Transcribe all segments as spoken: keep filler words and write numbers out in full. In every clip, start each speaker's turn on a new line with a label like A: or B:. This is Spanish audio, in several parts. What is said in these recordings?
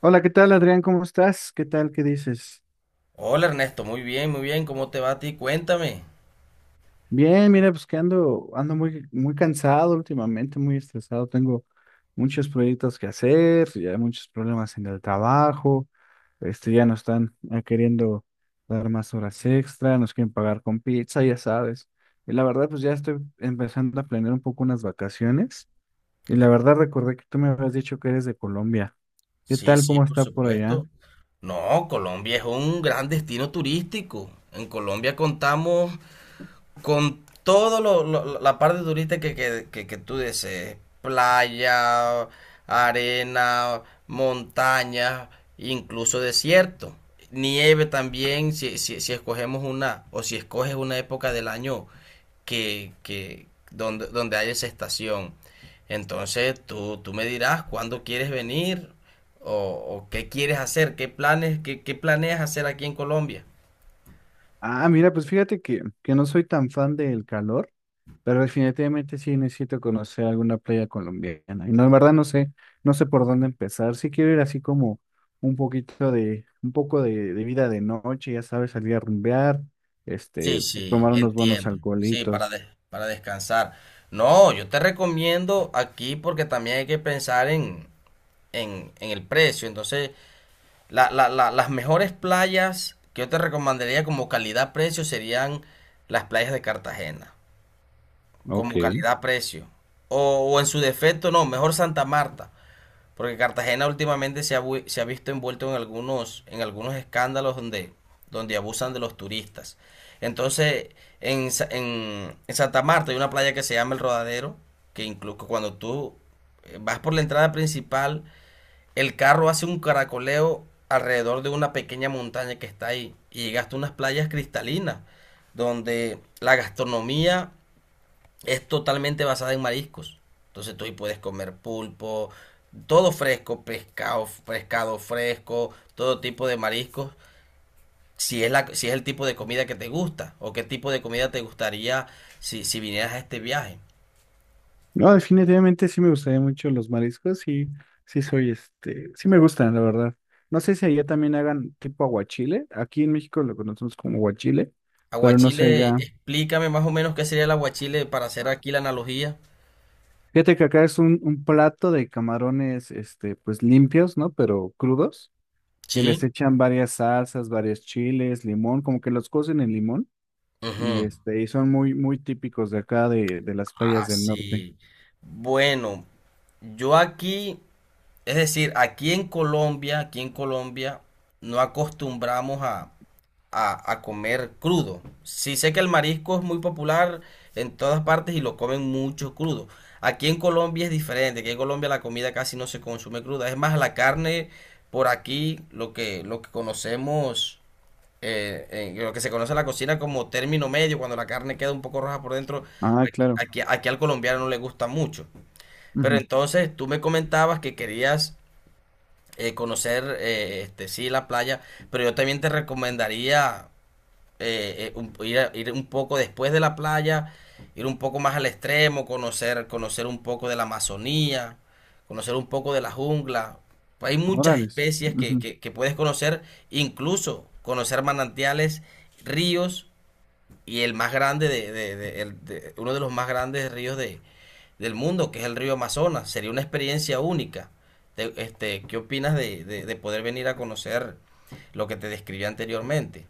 A: Hola, ¿qué tal, Adrián? ¿Cómo estás? ¿Qué tal? ¿Qué dices?
B: Hola Ernesto, muy bien, muy bien, ¿cómo te va a ti? Cuéntame.
A: Bien, mira, pues que ando, ando muy, muy cansado últimamente, muy estresado. Tengo muchos proyectos que hacer, ya hay muchos problemas en el trabajo. Este, ya nos están eh, queriendo dar más horas extra, nos quieren pagar con pizza, ya sabes. Y la verdad, pues ya estoy empezando a planear un poco unas vacaciones. Y la verdad, recordé que tú me habías dicho que eres de Colombia. ¿Qué
B: Sí,
A: tal?
B: sí,
A: ¿Cómo
B: por
A: está por allá?
B: supuesto. No, Colombia es un gran destino turístico. En Colombia contamos con todo lo, lo- la parte turista que, que, que, que tú desees, playa, arena, montaña, incluso desierto, nieve también, si, si, si escogemos una, o si escoges una época del año que, que donde, donde haya esa estación. Entonces tú, tú me dirás cuándo quieres venir o, o qué quieres hacer, qué planes, qué, qué planeas hacer aquí en Colombia.
A: Ah, mira, pues fíjate que, que no soy tan fan del calor. Pero definitivamente sí necesito conocer alguna playa colombiana. Y no, en verdad no sé, no sé por dónde empezar. Sí quiero ir así como un poquito de, un poco de, de vida de noche, ya sabes, salir a rumbear,
B: Sí,
A: este,
B: sí,
A: tomar unos buenos
B: entiendo. Sí, para,
A: alcoholitos.
B: des- para descansar. No, yo te recomiendo aquí porque también hay que pensar en, en, en el precio. Entonces, la- la- la- las mejores playas que yo te recomendaría como calidad-precio serían las playas de Cartagena,
A: Ok.
B: como calidad-precio. O, o en su defecto, no, mejor Santa Marta. Porque Cartagena últimamente se ha, vu- se ha visto envuelto en algunos, en algunos escándalos donde, donde abusan de los turistas. Entonces, en, Sa- en, en Santa Marta hay una playa que se llama El Rodadero, que incluso cuando tú eh, vas por la entrada principal, el carro hace un caracoleo alrededor de una pequeña montaña que está ahí y llegaste a unas playas cristalinas, donde la gastronomía es totalmente basada en mariscos. Entonces tú ahí puedes comer pulpo, todo fresco, pescado, pescado fresco, todo tipo de mariscos. Si es, la, si es el tipo de comida que te gusta o qué tipo de comida te gustaría si, si vinieras a este viaje.
A: No, definitivamente sí me gustaría mucho los mariscos y sí soy este, sí me gustan, la verdad. No sé si allá también hagan tipo aguachile. Aquí en México lo conocemos como aguachile, pero no sé
B: Aguachile,
A: allá.
B: explícame más o menos qué sería el aguachile para hacer aquí la analogía.
A: Fíjate que acá es un, un plato de camarones, este, pues limpios, ¿no? Pero crudos, que
B: Sí.
A: les echan varias salsas, varios chiles, limón, como que los cocen en limón y
B: Ujú.
A: este, y son muy, muy típicos de acá de, de las playas
B: Ah,
A: del norte.
B: sí. Bueno, yo aquí, es decir, aquí en Colombia, aquí en Colombia, no acostumbramos a, a, a comer crudo. Sí sé que el marisco es muy popular en todas partes y lo comen mucho crudo. Aquí en Colombia es diferente, aquí en Colombia la comida casi no se consume cruda. Es más, la carne por aquí, lo que, lo que conocemos, eh, eh, lo que se conoce en la cocina como término medio, cuando la carne queda un poco roja por dentro,
A: Ah,
B: aquí,
A: claro.
B: aquí- aquí al colombiano no le gusta mucho. Pero
A: Ujú.
B: entonces tú me comentabas que querías eh, conocer, eh, este, sí, la playa, pero yo también te recomendaría eh, eh, un- ir, a- ir un poco después de la playa, ir un poco más al extremo, conocer, conocer un poco de la Amazonía, conocer un poco de la jungla. Hay muchas
A: Órales.
B: especies que,
A: Ujú.
B: que- que puedes conocer, incluso conocer manantiales, ríos y el más grande de, de- de- el- de- uno de los más grandes ríos de, del mundo, que es el río Amazonas. Sería una experiencia única. Te- este, ¿qué opinas de, de de poder venir a conocer lo que te describí anteriormente?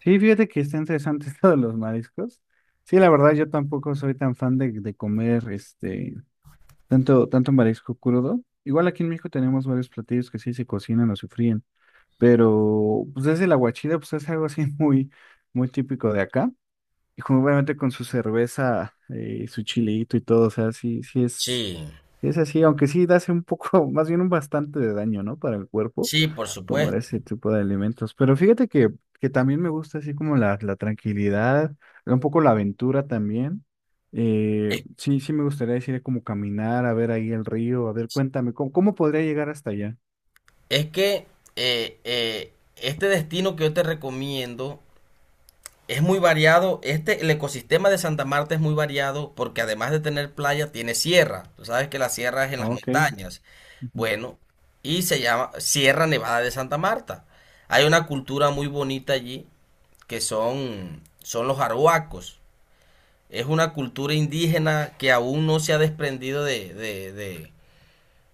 A: Sí, fíjate que está interesante esto de los mariscos. Sí, la verdad, yo tampoco soy tan fan de, de comer este tanto, tanto marisco crudo. Igual aquí en México tenemos varios platillos que sí se cocinan o se fríen. Pero pues es el aguachile, pues es algo así muy, muy típico de acá. Y como obviamente con su cerveza, eh, su chilito y todo, o sea, sí, sí es,
B: Sí.
A: sí es así, aunque sí hace un poco, más bien un bastante de daño, ¿no? Para el cuerpo,
B: Sí, por
A: comer
B: supuesto.
A: ese tipo de alimentos. Pero fíjate que, que también me gusta así como la, la tranquilidad, un poco la aventura también. Eh,
B: Es,
A: sí, sí me gustaría decir como caminar, a ver ahí el río, a ver, cuéntame, ¿cómo, cómo podría llegar hasta allá?
B: es que eh, eh, este destino que yo te recomiendo es muy variado. Este, el ecosistema de Santa Marta es muy variado porque además de tener playa, tiene sierra. Tú sabes que la sierra es en
A: Ah,
B: las
A: ok.
B: montañas. Bueno, y se llama Sierra Nevada de Santa Marta. Hay una cultura muy bonita allí que son, son los arhuacos. Es una cultura indígena que aún no se ha desprendido de, de, de-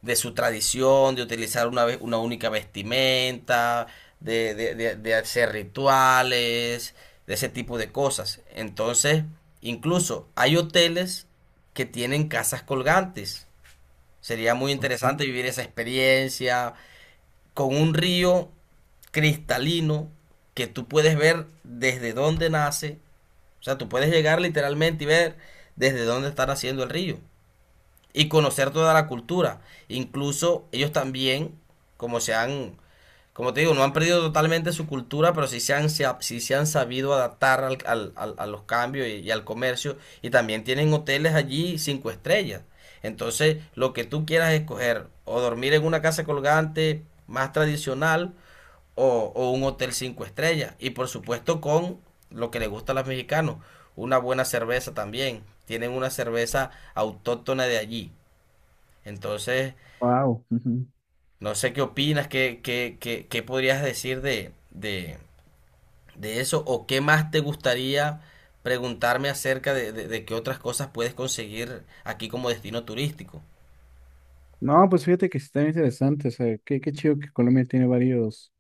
B: de su tradición, de utilizar una, ve- una única vestimenta, de, de- de- de hacer rituales, de ese tipo de cosas. Entonces, incluso hay hoteles que tienen casas colgantes. Sería muy
A: Ujú.
B: interesante vivir esa experiencia con un río cristalino que tú puedes ver desde dónde nace. O sea, tú puedes llegar literalmente y ver desde dónde está naciendo el río y conocer toda la cultura. Incluso ellos también, como se han, como te digo, no han perdido totalmente su cultura, pero sí se han, se ha- sí se han sabido adaptar al- al- al- a los cambios y, y al comercio. Y también tienen hoteles allí cinco estrellas. Entonces, lo que tú quieras escoger, o dormir en una casa colgante más tradicional, o, o un hotel cinco estrellas. Y por supuesto con lo que le gusta a los mexicanos, una buena cerveza también. Tienen una cerveza autóctona de allí. Entonces,
A: Wow.
B: no sé qué opinas, qué, qué, qué, qué podrías decir de, de, de eso o qué más te gustaría preguntarme acerca de, de- de qué otras cosas puedes conseguir aquí como destino turístico.
A: No, pues fíjate que sí está interesante, o sea, qué, qué chido que Colombia tiene varios,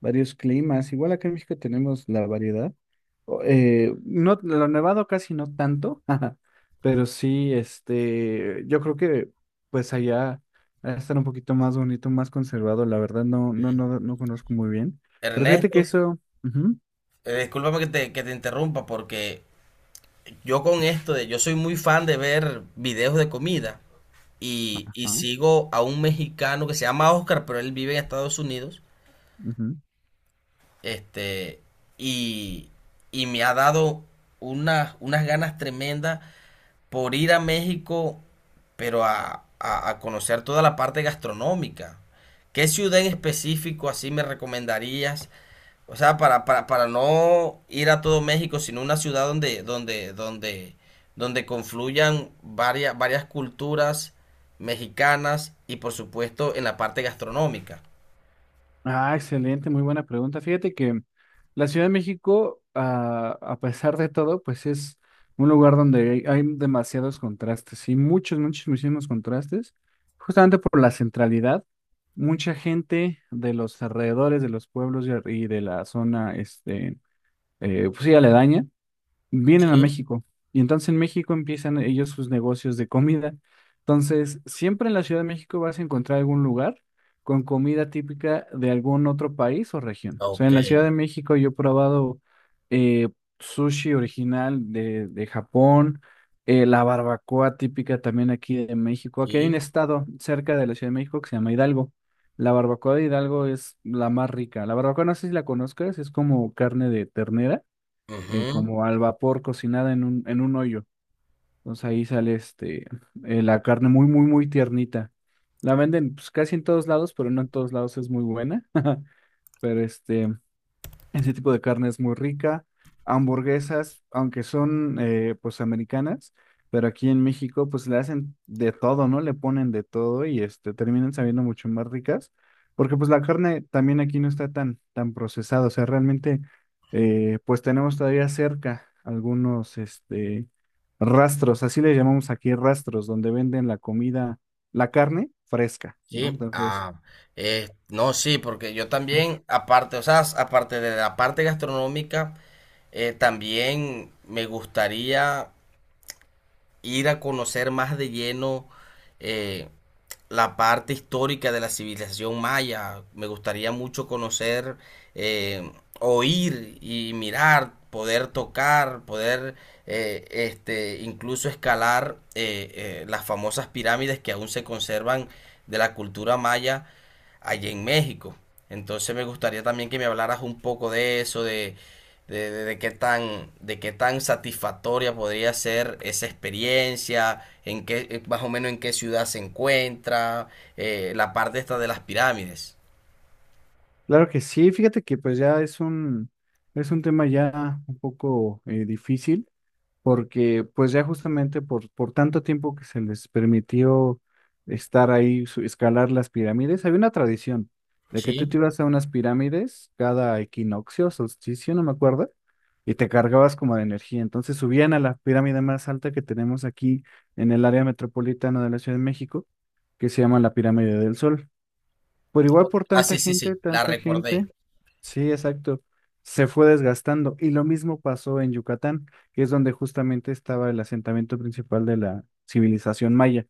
A: varios climas. Igual acá en México tenemos la variedad. O- eh, no, lo nevado casi no tanto, ajá, pero sí, este, yo creo que pues allá va a estar un poquito más bonito, más conservado, la verdad no, no, no, no conozco muy bien. Pero fíjate que
B: Ernesto,
A: eso, ujú,
B: eh, discúlpame que te, que te interrumpa porque yo con esto de, yo soy muy fan de ver videos de comida y, y
A: ajá,
B: sigo a un mexicano que se llama Oscar, pero él vive en Estados Unidos.
A: ujú.
B: Este, y, y me ha dado unas, unas ganas tremendas por ir a México, pero a, a- a conocer toda la parte gastronómica. ¿Qué ciudad en específico así me recomendarías? O sea, para, para, para no ir a todo México, sino una ciudad donde, donde, donde, donde confluyan varias, varias culturas mexicanas y por supuesto en la parte gastronómica.
A: Ah, excelente, muy buena pregunta. Fíjate que la Ciudad de México, ah, a pesar de todo, pues es un lugar donde hay, hay demasiados contrastes, y muchos, muchos, muchísimos contrastes, justamente por la centralidad. Mucha gente de los alrededores, de los pueblos y, ar- y de la zona, este, eh, pues sí, aledaña, vienen a
B: Sí,
A: México y entonces en México empiezan ellos sus negocios de comida. Entonces, siempre en la Ciudad de México vas a encontrar algún lugar con comida típica de algún otro país o región. O sea,
B: ok,
A: en la Ciudad de México yo he probado eh, sushi original de, de Japón, eh, la barbacoa típica también aquí de México. Aquí hay
B: sí,
A: un estado cerca de la Ciudad de México que se llama Hidalgo. La barbacoa de Hidalgo es la más rica. La barbacoa no sé si la conozcas, es como carne de ternera eh,
B: ujú.
A: como al vapor cocinada en un, en un hoyo. Entonces ahí sale este, eh, la carne muy, muy, muy tiernita. La venden pues, casi en todos lados, pero no en todos lados es muy buena. Pero este, ese tipo de carne es muy rica. Hamburguesas, aunque son eh, pues americanas, pero aquí en México pues le hacen de todo, ¿no? Le ponen de todo y este terminan sabiendo mucho más ricas, porque pues la carne también aquí no está tan tan procesada, o sea, realmente eh, pues tenemos todavía cerca algunos este rastros, así le llamamos aquí rastros, donde venden la comida, la carne fresca, ¿no?
B: Sí,
A: Entonces
B: ah, eh, no, sí, porque yo también, aparte, o sea, aparte de la parte gastronómica, eh, también me gustaría ir a conocer más de lleno, eh, la parte histórica de la civilización maya. Me gustaría mucho conocer, eh, oír y mirar, poder tocar, poder eh, este, incluso escalar eh, eh, las famosas pirámides que aún se conservan de la cultura maya allá en México. Entonces me gustaría también que me hablaras un poco de eso, de, de, de- de qué tan, de qué tan, satisfactoria podría ser esa experiencia, en qué, eh, más o menos en qué ciudad se encuentra, eh, la parte esta de las pirámides.
A: claro que sí, fíjate que pues ya es un, es un tema ya un poco eh, difícil, porque pues ya justamente por, por tanto tiempo que se les permitió estar ahí, su- escalar las pirámides, había una tradición de que tú te
B: Sí.
A: ibas a unas pirámides cada equinoccio, solsticio, no me acuerdo, y te cargabas como de energía. Entonces subían a la pirámide más alta que tenemos aquí en el área metropolitana de la Ciudad de México, que se llama la Pirámide del Sol. Por igual por
B: Ah,
A: tanta
B: sí, sí, sí,
A: gente,
B: la
A: tanta gente.
B: recordé.
A: Sí, exacto. Se fue desgastando. Y lo mismo pasó en Yucatán, que es donde justamente estaba el asentamiento principal de la civilización maya.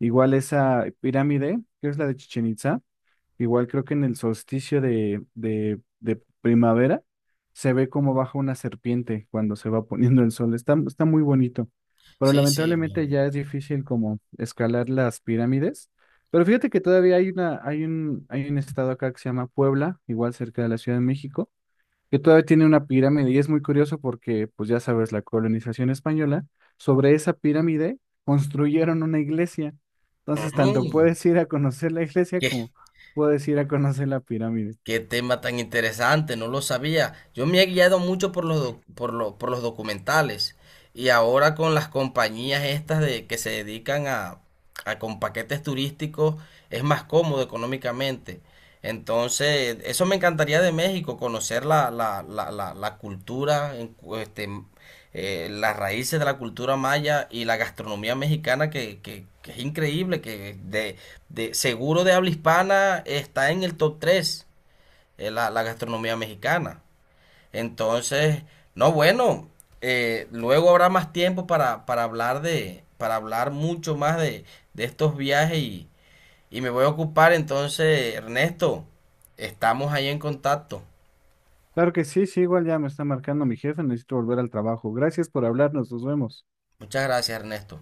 A: Igual esa pirámide, que es la de Chichén Itzá, igual creo que en el solsticio de, de, de primavera se ve cómo baja una serpiente cuando se va poniendo el sol. Está, está muy bonito, pero
B: Sí, sí. me-
A: lamentablemente ya es difícil como escalar las pirámides. Pero fíjate que todavía hay una, hay un, hay un estado acá que se llama Puebla, igual cerca de la Ciudad de México, que todavía tiene una pirámide y es muy curioso porque, pues ya sabes, la colonización española, sobre esa pirámide construyeron una iglesia. Entonces, tanto
B: Ujú.
A: puedes ir a conocer la iglesia como puedes ir a conocer la pirámide.
B: Qué tema tan interesante, no lo sabía. Yo me he guiado mucho por los, doc- por lo- por los documentales y ahora con las compañías estas de, que se dedican a, a con paquetes turísticos es más cómodo económicamente. Entonces, eso me encantaría de México, conocer la, la, la, la, la cultura, en cu- este, eh, las raíces de la cultura maya y la gastronomía mexicana que, que- que es increíble, que de, de seguro de habla hispana está en el top tres es la, la gastronomía mexicana. Entonces, no, bueno, eh, luego habrá más tiempo para, para hablar de, para hablar mucho más de, de estos viajes y, y me voy a ocupar entonces, Ernesto, estamos ahí en contacto.
A: Claro que sí, sí, igual ya me está marcando mi jefe, necesito volver al trabajo. Gracias por hablarnos, nos vemos.
B: Muchas gracias, Ernesto.